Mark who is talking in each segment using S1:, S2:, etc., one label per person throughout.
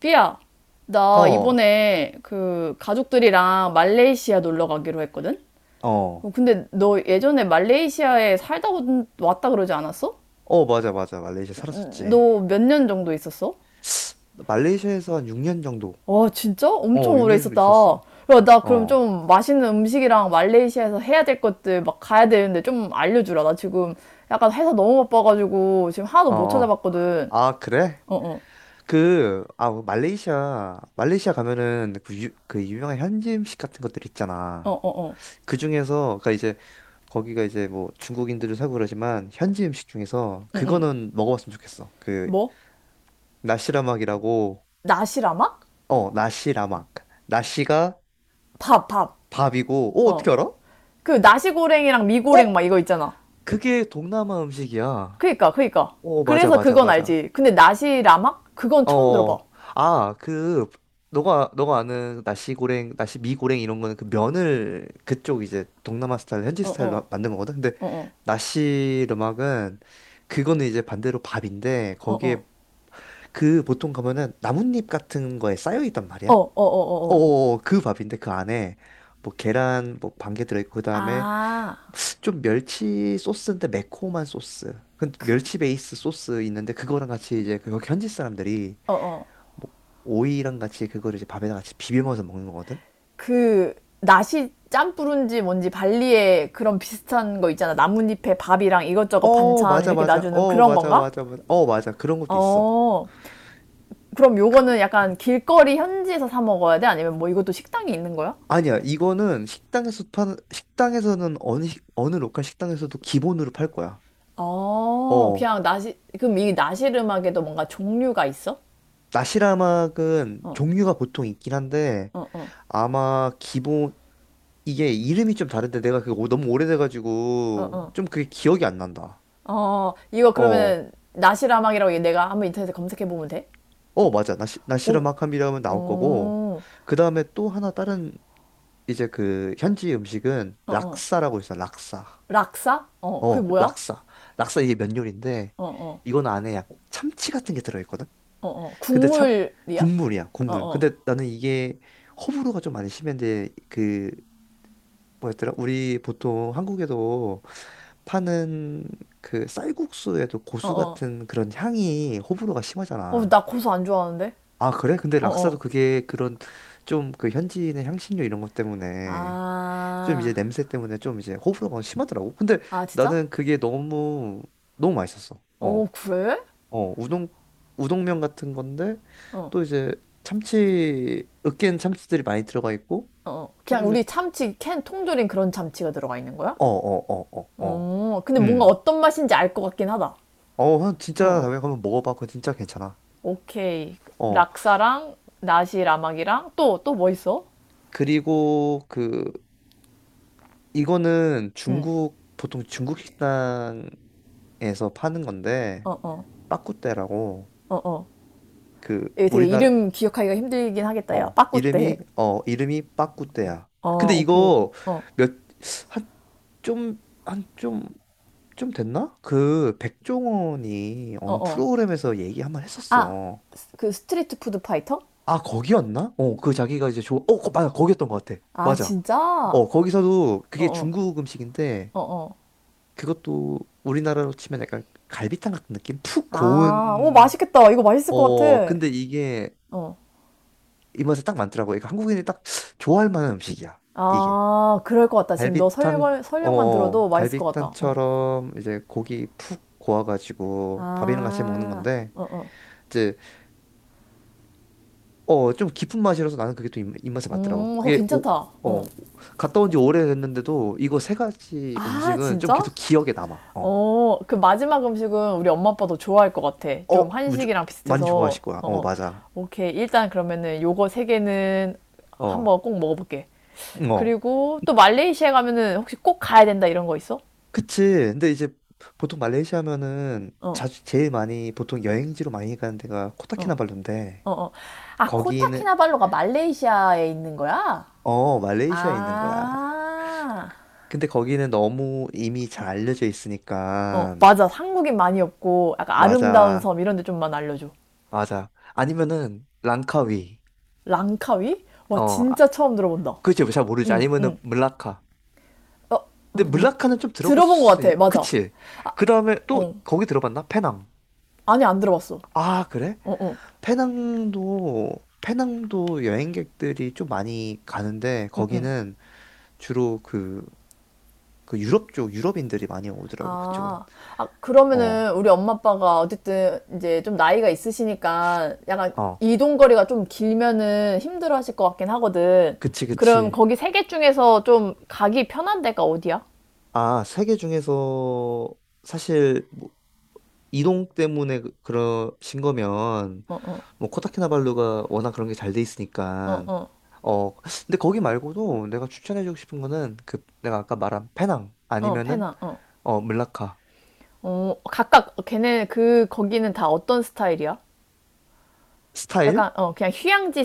S1: 삐야, 나
S2: 어,
S1: 이번에 그 가족들이랑 말레이시아 놀러 가기로 했거든?
S2: 어,
S1: 어, 근데 너 예전에 말레이시아에 살다 왔다 그러지 않았어?
S2: 어, 맞아, 맞아. 말레이시아 살았었지.
S1: 너 몇 년 정도 있었어?
S2: 나 말레이시아에서 한 6년 정도.
S1: 와, 진짜?
S2: 어,
S1: 엄청 오래
S2: 6년 정도
S1: 있었다.
S2: 있었어.
S1: 야, 나 그럼
S2: 어,
S1: 좀 맛있는 음식이랑 말레이시아에서 해야 될 것들 막 가야 되는데 좀 알려주라. 나 지금 약간 회사 너무 바빠가지고 지금 하나도
S2: 어,
S1: 못
S2: 어.
S1: 찾아봤거든.
S2: 아, 그래?
S1: 어, 어,
S2: 그, 아, 뭐 말레이시아 가면은 그, 그 유명한 현지 음식 같은 것들
S1: 어,
S2: 있잖아.
S1: 어, 어.
S2: 그 중에서, 그니까 이제, 거기가 이제 뭐 중국인들도 살고 그러지만, 현지 음식 중에서 그거는 먹어봤으면 좋겠어. 그,
S1: 뭐?
S2: 나시라막이라고,
S1: 나시라막?
S2: 어, 나시라막. 나시가
S1: 밥, 밥.
S2: 밥이고, 어,
S1: 어.
S2: 어떻게 알아? 어?
S1: 그 나시고랭이랑 미고랭 막 이거 있잖아.
S2: 그게 동남아 음식이야.
S1: 그니까, 그니까.
S2: 어, 맞아,
S1: 그래서
S2: 맞아,
S1: 그건
S2: 맞아.
S1: 알지. 근데 나시라막? 그건 처음 들어봐.
S2: 어, 아, 그, 너가 아는 나시고랭, 나시미고랭 이런 거는 그 면을 그쪽 이제 동남아 스타일, 현지
S1: 어,
S2: 스타일로
S1: 어,
S2: 만든 거거든. 근데
S1: 어, 어,
S2: 나시르막은 그거는 이제 반대로 밥인데
S1: 어, 어, 어,
S2: 거기에 그 보통 가면은 나뭇잎 같은 거에 쌓여 있단
S1: 어,
S2: 말이야.
S1: 어, 어,
S2: 어,
S1: 어.
S2: 어, 어. 그 밥인데 그 안에 뭐 계란 뭐 반개 들어있고, 그다음에
S1: 아,
S2: 좀 멸치 소스인데 매콤한 소스. 그 멸치 베이스 소스 있는데 그거랑 같이 이제 그 여기 현지 사람들이
S1: 어, 어.
S2: 뭐 오이랑 같이 그거를 이제 밥에다 같이 비벼 먹어서 먹는 거거든.
S1: 그, 나시 짬뿌른지 뭔지 발리에 그런 비슷한 거 있잖아. 나뭇잎에 밥이랑 이것저것
S2: 어,
S1: 반찬
S2: 맞아,
S1: 이렇게
S2: 맞아,
S1: 놔주는
S2: 어,
S1: 그런
S2: 맞아,
S1: 건가?
S2: 맞아, 맞아, 어, 맞아, 그런 것도 있어.
S1: 어. 그럼
S2: 그,
S1: 요거는 약간 길거리 현지에서 사 먹어야 돼? 아니면 뭐 이것도 식당이 있는 거야?
S2: 아니야, 이거는 식당에서 파는, 식당에서는 어느 어느 로컬 식당에서도 기본으로 팔 거야.
S1: 어,
S2: 어,
S1: 그냥 나시, 그럼 이 나실 음악에도 뭔가 종류가 있어?
S2: 나시라막은
S1: 어,
S2: 종류가 보통 있긴 한데,
S1: 어, 어,
S2: 아마 기본 이게 이름이 좀 다른데 내가 그게 너무
S1: 어,
S2: 오래돼가지고
S1: 어.
S2: 좀 그게 기억이 안 난다.
S1: 어, 이거
S2: 어,
S1: 그러면 나실 음악이라고 얘 내가 한번 인터넷에 검색해 보면 돼?
S2: 어, 맞아. 나시르
S1: 어,
S2: 마캄이라면 나올 거고.
S1: 음,
S2: 그 다음에 또 하나 다른 이제 그 현지 음식은
S1: 어, 어.
S2: 락사라고 있어. 락사.
S1: 락사? 어, 그게
S2: 어,
S1: 뭐야? 어,
S2: 락사. 락사, 이게 면 요리인데
S1: 어,
S2: 이건 안에 약 참치 같은 게 들어있거든?
S1: 어, 어.
S2: 근데
S1: 국물이야?
S2: 국물이야,
S1: 어,
S2: 국물.
S1: 어,
S2: 근데 나는 이게 호불호가 좀 많이 심한데, 뭐였더라? 우리 보통 한국에도 파는 그 쌀국수에도
S1: 어,
S2: 고수
S1: 어.
S2: 같은 그런 향이 호불호가
S1: 어,
S2: 심하잖아.
S1: 나 고수 안 좋아하는데?
S2: 아, 그래? 근데
S1: 어,
S2: 락사도
S1: 어.
S2: 그게 그런 좀 그 현지인의 향신료 이런 것 때문에 좀 이제
S1: 아,
S2: 냄새 때문에 좀 이제 호불호가 심하더라고. 근데
S1: 아, 진짜?
S2: 나는 그게 너무 너무 맛있었어.
S1: 어,
S2: 어,
S1: 그래?
S2: 어, 우동면 같은 건데
S1: 어,
S2: 또 이제 참치, 으깬 참치들이 많이 들어가 있고
S1: 어, 어. 그냥
S2: 요즘에.
S1: 우리 참치, 캔 통조림 그런 참치가 들어가 있는 거야?
S2: 어, 어, 어, 어, 어.
S1: 어, 근데 뭔가
S2: 음.
S1: 어떤 맛인지 알 것 같긴 하다.
S2: 어,
S1: 어,
S2: 진짜
S1: 어.
S2: 담백하면 먹어봐. 그거 진짜 괜찮아.
S1: 오케이.
S2: 어,
S1: 락사랑 나시 라막이랑 또 또 뭐 있어?
S2: 그리고 그, 이거는
S1: 응.
S2: 중국, 보통 중국 식당에서 파는 건데,
S1: 어, 어.
S2: 빠꾸떼라고,
S1: 어, 어.
S2: 그,
S1: 이게 되게
S2: 우리나라,
S1: 이름 기억하기가 힘들긴 하겠다, 야.
S2: 어,
S1: 빠꾸떼.
S2: 이름이 빠꾸떼야.
S1: 어,
S2: 근데
S1: 오케이.
S2: 이거
S1: 어,
S2: 몇, 한, 좀, 한, 좀, 좀 됐나? 그, 백종원이
S1: 어,
S2: 어느
S1: 어.
S2: 프로그램에서 얘기 한번
S1: 아,
S2: 했었어.
S1: 그 스트리트 푸드 파이터?
S2: 아, 거기였나? 어, 그 자기가 이제 맞아, 거기였던 것 같아.
S1: 아,
S2: 맞아.
S1: 진짜? 어,
S2: 어, 거기서도 그게
S1: 어,
S2: 중국 음식인데,
S1: 어, 어.
S2: 그것도 우리나라로 치면 약간 갈비탕 같은 느낌? 푹
S1: 아, 오,
S2: 고운.
S1: 맛있겠다. 이거 맛있을 것
S2: 어,
S1: 같아.
S2: 근데 이게
S1: 어.
S2: 입맛에 딱 맞더라고. 그러니까 한국인이 딱 좋아할 만한 음식이야, 이게.
S1: 아, 그럴 것 같다. 지금 너
S2: 갈비탕,
S1: 설명, 설명만
S2: 어,
S1: 들어도 맛있을 것 같다. 어.
S2: 갈비탕처럼 이제 고기 푹 고와가지고 밥이랑 같이 먹는
S1: 아,
S2: 건데,
S1: 어, 어.
S2: 어, 좀 깊은 맛이라서 나는 그게 또 입맛에 맞더라고.
S1: 어, 괜찮다. 어.
S2: 어, 갔다 온지 오래됐는데도 이거 세 가지
S1: 아,
S2: 음식은 좀
S1: 진짜?
S2: 계속 기억에 남아. 어,
S1: 어, 그 마지막 음식은 우리 엄마 아빠도 좋아할 것 같아.
S2: 어,
S1: 좀 한식이랑
S2: 많이
S1: 비슷해서.
S2: 좋아하실 거야.
S1: 어,
S2: 어,
S1: 어.
S2: 맞아.
S1: 오케이. 일단 그러면은 요거 세 개는
S2: 어,
S1: 한번 꼭 먹어볼게.
S2: 응, 어,
S1: 그리고 또 말레이시아 가면은 혹시 꼭 가야 된다 이런 거 있어?
S2: 그치. 근데 이제 보통 말레이시아면은
S1: 어,
S2: 자주 제일 많이 보통 여행지로 많이 가는 데가
S1: 어,
S2: 코타키나발루인데,
S1: 어, 어. 아,
S2: 거기는,
S1: 코타키나발루가 말레이시아에 있는 거야?
S2: 어, 말레이시아에 있는 거야.
S1: 아.
S2: 근데 거기는 너무 이미 잘 알려져
S1: 어,
S2: 있으니까.
S1: 맞아. 한국인 많이 없고 약간 아름다운
S2: 맞아,
S1: 섬 이런 데 좀만 알려줘.
S2: 맞아. 아니면은 랑카위.
S1: 랑카위? 와
S2: 어, 아,
S1: 진짜 처음 들어본다.
S2: 그치, 잘 모르지.
S1: 응,
S2: 아니면은
S1: 응.
S2: 물라카.
S1: 어,
S2: 근데 물라카는 좀
S1: 들어본 것
S2: 들어봤을,
S1: 같아. 맞아.
S2: 그치. 그 다음에 또
S1: 어.
S2: 거기 들어봤나? 페낭.
S1: 아니 안 들어봤어.
S2: 아, 그래?
S1: 어, 어.
S2: 페낭도, 페낭도 여행객들이 좀 많이 가는데 거기는 주로 그, 유럽 쪽, 유럽인들이 많이 오더라고, 그쪽은.
S1: 아, 아 그러면은
S2: 어,
S1: 우리 엄마 아빠가 어쨌든 이제 좀 나이가 있으시니까 약간
S2: 어,
S1: 이동 거리가 좀 길면은 힘들어 하실 것 같긴 하거든.
S2: 그치,
S1: 그럼
S2: 그치.
S1: 거기 세 개 중에서 좀 가기 편한 데가 어디야?
S2: 아, 세계 중에서 사실 뭐 이동 때문에 그러신 거면 뭐 코타키나발루가 워낙 그런 게 잘 돼
S1: 어,
S2: 있으니까.
S1: 어,
S2: 어, 근데 거기 말고도 내가 추천해주고 싶은 거는 그 내가 아까 말한 페낭
S1: 어,
S2: 아니면은
S1: 어.
S2: 어, 물라카.
S1: 어, 각각 걔네 그 거기는 다 어떤 스타일이야?
S2: 스타일?
S1: 약간 어 그냥 휴양지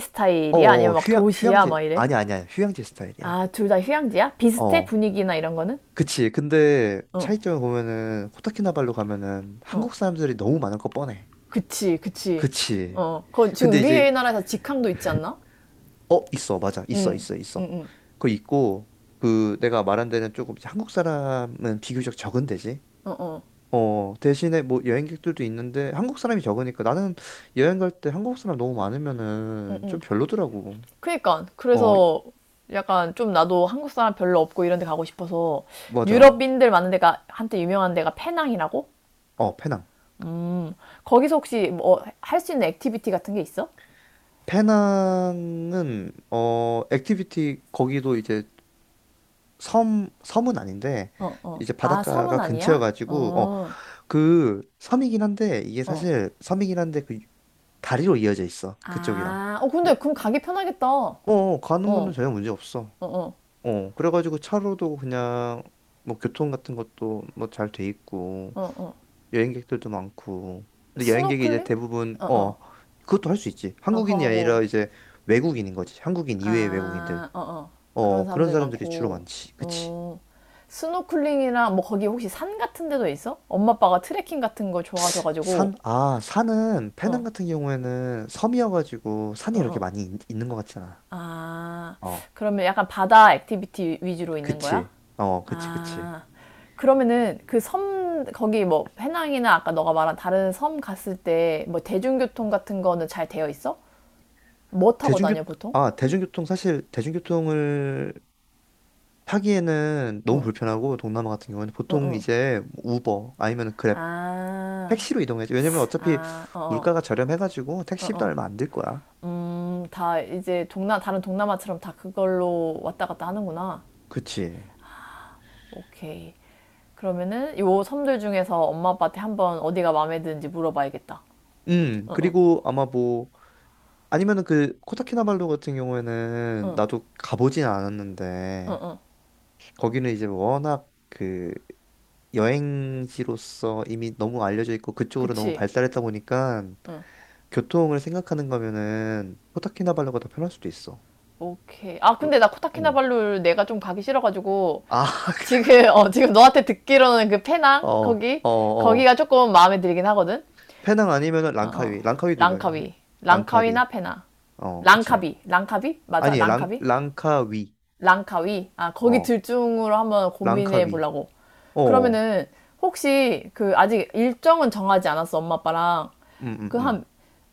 S2: 어,
S1: 스타일이야?
S2: 어, 어,
S1: 아니면 막 도시야?
S2: 휴양지,
S1: 막 이래?
S2: 아니, 아니야, 아니야. 휴양지 스타일이야.
S1: 아, 둘 다 휴양지야? 비슷해?
S2: 어,
S1: 분위기나 이런 거는?
S2: 그치. 근데
S1: 어,
S2: 차이점을 보면은 코타키나발루 가면은
S1: 어.
S2: 한국 사람들이 너무 많을 거 뻔해.
S1: 그치, 그치.
S2: 그치.
S1: 어. 그건 지금
S2: 근데 이제
S1: 우리나라에서 직항도 있지 않나?
S2: 어, 있어, 맞아, 있어,
S1: 응.
S2: 있어, 있어. 그거 있고, 그 내가 말한 데는 조금 이제 한국 사람은 비교적 적은 데지.
S1: 어, 어.
S2: 어, 대신에 뭐 여행객들도 있는데 한국 사람이 적으니까, 나는 여행 갈 때 한국 사람 너무 많으면은 좀 별로더라고.
S1: 그니까.
S2: 어,
S1: 그래서 약간 좀 나도 한국 사람 별로 없고 이런 데 가고 싶어서
S2: 맞아.
S1: 유럽인들 많은 데가 한때 유명한 데가 페낭이라고?
S2: 어, 페낭.
S1: 거기서 혹시 뭐 할 수 있는 액티비티 같은 게 있어?
S2: 페낭은, 어, 액티비티 거기도 이제 섬 섬은 아닌데
S1: 어, 어.
S2: 이제
S1: 아, 섬은
S2: 바닷가가 근처여
S1: 아니야?
S2: 가지고, 어,
S1: 어,
S2: 그 섬이긴 한데, 이게
S1: 어.
S2: 사실 섬이긴 한데 그 다리로 이어져 있어, 그쪽이랑.
S1: 아, 어, 근데
S2: 근데
S1: 그럼 가기 편하겠다. 어,
S2: 어, 어, 가는 거는
S1: 어,
S2: 전혀 문제 없어.
S1: 어,
S2: 어, 그래가지고 차로도 그냥 뭐 교통 같은 것도 뭐 잘 돼 있고
S1: 어, 어.
S2: 여행객들도 많고. 근데 여행객이 이제
S1: 스노클링?
S2: 대부분
S1: 어, 어.
S2: 어, 그것도 할 수 있지.
S1: 아, 그거
S2: 한국인이
S1: 하고,
S2: 아니라 이제 외국인인 거지, 한국인 이외의 외국인들.
S1: 아, 어, 어. 그런
S2: 어, 그런
S1: 사람들
S2: 사람들이 주로
S1: 많고,
S2: 많지, 그치.
S1: 음, 스노클링이랑 뭐 거기 혹시 산 같은 데도 있어? 엄마 아빠가 트레킹 같은 거 좋아하셔가지고,
S2: 산? 아, 산은 페낭
S1: 어,
S2: 같은 경우에는 섬이어가지고
S1: 어,
S2: 산이 이렇게
S1: 어.
S2: 많이 있는 것 같진 않아.
S1: 아,
S2: 어,
S1: 그러면 약간 바다 액티비티 위주로 있는 거야?
S2: 그치. 어, 그치, 그치.
S1: 아, 그러면은 그 섬 거기 뭐 해낭이나 아까 너가 말한 다른 섬 갔을 때 뭐 대중교통 같은 거는 잘 되어 있어? 뭐 타고
S2: 대중교
S1: 다녀 보통?
S2: 아 대중교통 사실 대중교통을 타기에는 너무 불편하고, 동남아 같은 경우는 보통 이제 우버 아니면 그랩,
S1: 아,
S2: 택시로 이동해야지. 왜냐면 어차피
S1: 아, 어,
S2: 물가가
S1: 어.
S2: 저렴해가지고 택시비도 얼마 안 들 거야.
S1: 다 이제 동남, 다른 동남아처럼 다 그걸로 왔다 갔다 하는구나.
S2: 그치.
S1: 오케이. 그러면은 요 섬들 중에서 엄마 아빠한테 한번 어디가 마음에 드는지 물어봐야겠다. 어, 어.
S2: 그리고 아마 뭐, 아니면은 그 코타키나발루 같은 경우에는 나도 가보진 않았는데, 거기는 이제 워낙 그 여행지로서 이미 너무 알려져 있고 그쪽으로 너무
S1: 그치?
S2: 발달했다 보니까 교통을 생각하는 거면은 코타키나발루가 더 편할 수도 있어.
S1: 오케이. 아,
S2: 으,
S1: 근데 나
S2: 어.
S1: 코타키나발루 내가 좀 가기 싫어가지고
S2: 아,
S1: 지금, 어, 지금 너한테 듣기로는 그
S2: 어,
S1: 페낭? 거기?
S2: 어, 어.
S1: 거기가 조금 마음에 들긴 하거든?
S2: 페낭 아니면은
S1: 어,
S2: 랑카위.
S1: 어.
S2: 랑카위도 유명해.
S1: 랑카위. 랑카위나
S2: 랑카위.
S1: 페낭.
S2: 어, 그치.
S1: 랑카비. 랑카비? 맞아?
S2: 아니, 랑,
S1: 랑카비?
S2: 랑카위.
S1: 랑카위? 아, 거기
S2: 어,
S1: 둘 중으로 한번 고민해
S2: 랑카위.
S1: 보려고.
S2: 어.
S1: 그러면은, 혹시, 그, 아직 일정은 정하지 않았어, 엄마, 아빠랑.
S2: 음, 음,
S1: 그
S2: 음.
S1: 한,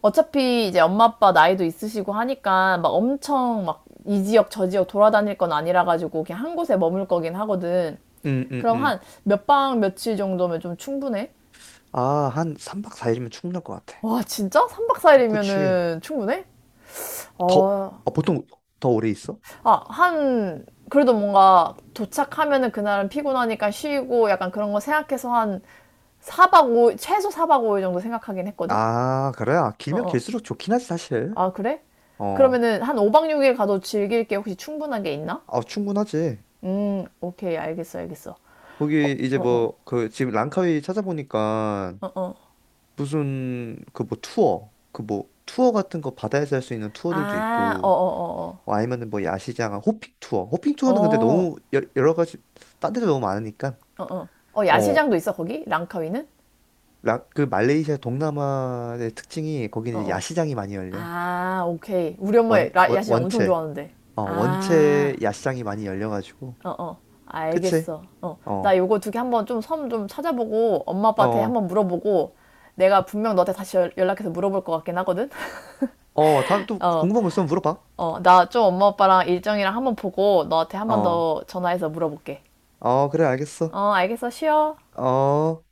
S1: 어차피 이제 엄마, 아빠 나이도 있으시고 하니까, 막 엄청 막, 이 지역, 저 지역 돌아다닐 건 아니라 가지고, 그냥 한 곳에 머물 거긴 하거든.
S2: 음, 음,
S1: 그럼 한,
S2: 음.
S1: 몇 박 며칠 정도면 좀 충분해?
S2: 아, 한 3박 4일이면 충분할 것 같아.
S1: 와, 진짜? 3박
S2: 어, 그치.
S1: 4일이면은 충분해?
S2: 더,
S1: 어,
S2: 아, 보통 더 오래 있어?
S1: 아, 한, 그래도 뭔가 도착하면은 그날은 피곤하니까 쉬고 약간 그런 거 생각해서 한 4박 5일, 최소 4박 5일 정도 생각하긴 했거든?
S2: 아, 그래? 아,
S1: 어,
S2: 길면
S1: 어.
S2: 길수록 좋긴 하지, 사실.
S1: 아, 그래?
S2: 어,
S1: 그러면은 한 5박 6일 가도 즐길 게 혹시 충분한 게 있나?
S2: 아, 충분하지.
S1: 오케이, 알겠어, 알겠어.
S2: 거기 이제 뭐, 그, 지금 랑카위 찾아보니까
S1: 어, 어.
S2: 무슨 그 뭐 투어 같은 거, 바다에서 할 수 있는 투어들도
S1: 아, 어,
S2: 있고,
S1: 어, 어,
S2: 뭐 아니면은 뭐 야시장 호핑
S1: 어.
S2: 투어는. 근데
S1: 어,
S2: 너무 여러 가지 딴 데도 너무 많으니까.
S1: 어, 어. 어,
S2: 어, 그
S1: 야시장도 있어, 거기? 랑카위는?
S2: 말레이시아 동남아의 특징이,
S1: 어,
S2: 거기는 이제
S1: 어.
S2: 야시장이 많이 열려.
S1: 아, 오케이. 우리 엄마
S2: 원, 원
S1: 야시장 엄청
S2: 원체
S1: 좋아하는데.
S2: 어 원체
S1: 아.
S2: 야시장이 많이 열려가지고.
S1: 어, 어.
S2: 그치.
S1: 알겠어. 어. 나
S2: 어.
S1: 요거 두개 한번 좀 섬 좀 찾아보고 엄마 아빠한테
S2: 어.
S1: 한번 물어보고 내가 분명 너한테 다시 연락해서 물어볼 것 같긴 하거든.
S2: 어, 다음에 또
S1: 어.
S2: 궁금한 거 있으면 물어봐.
S1: 어. 나 좀 엄마 아빠랑 일정이랑 한번 보고 너한테 한번
S2: 어.
S1: 더 전화해서 물어볼게.
S2: 어, 그래, 알겠어.
S1: 어, 알겠어. 쉬어.
S2: 어.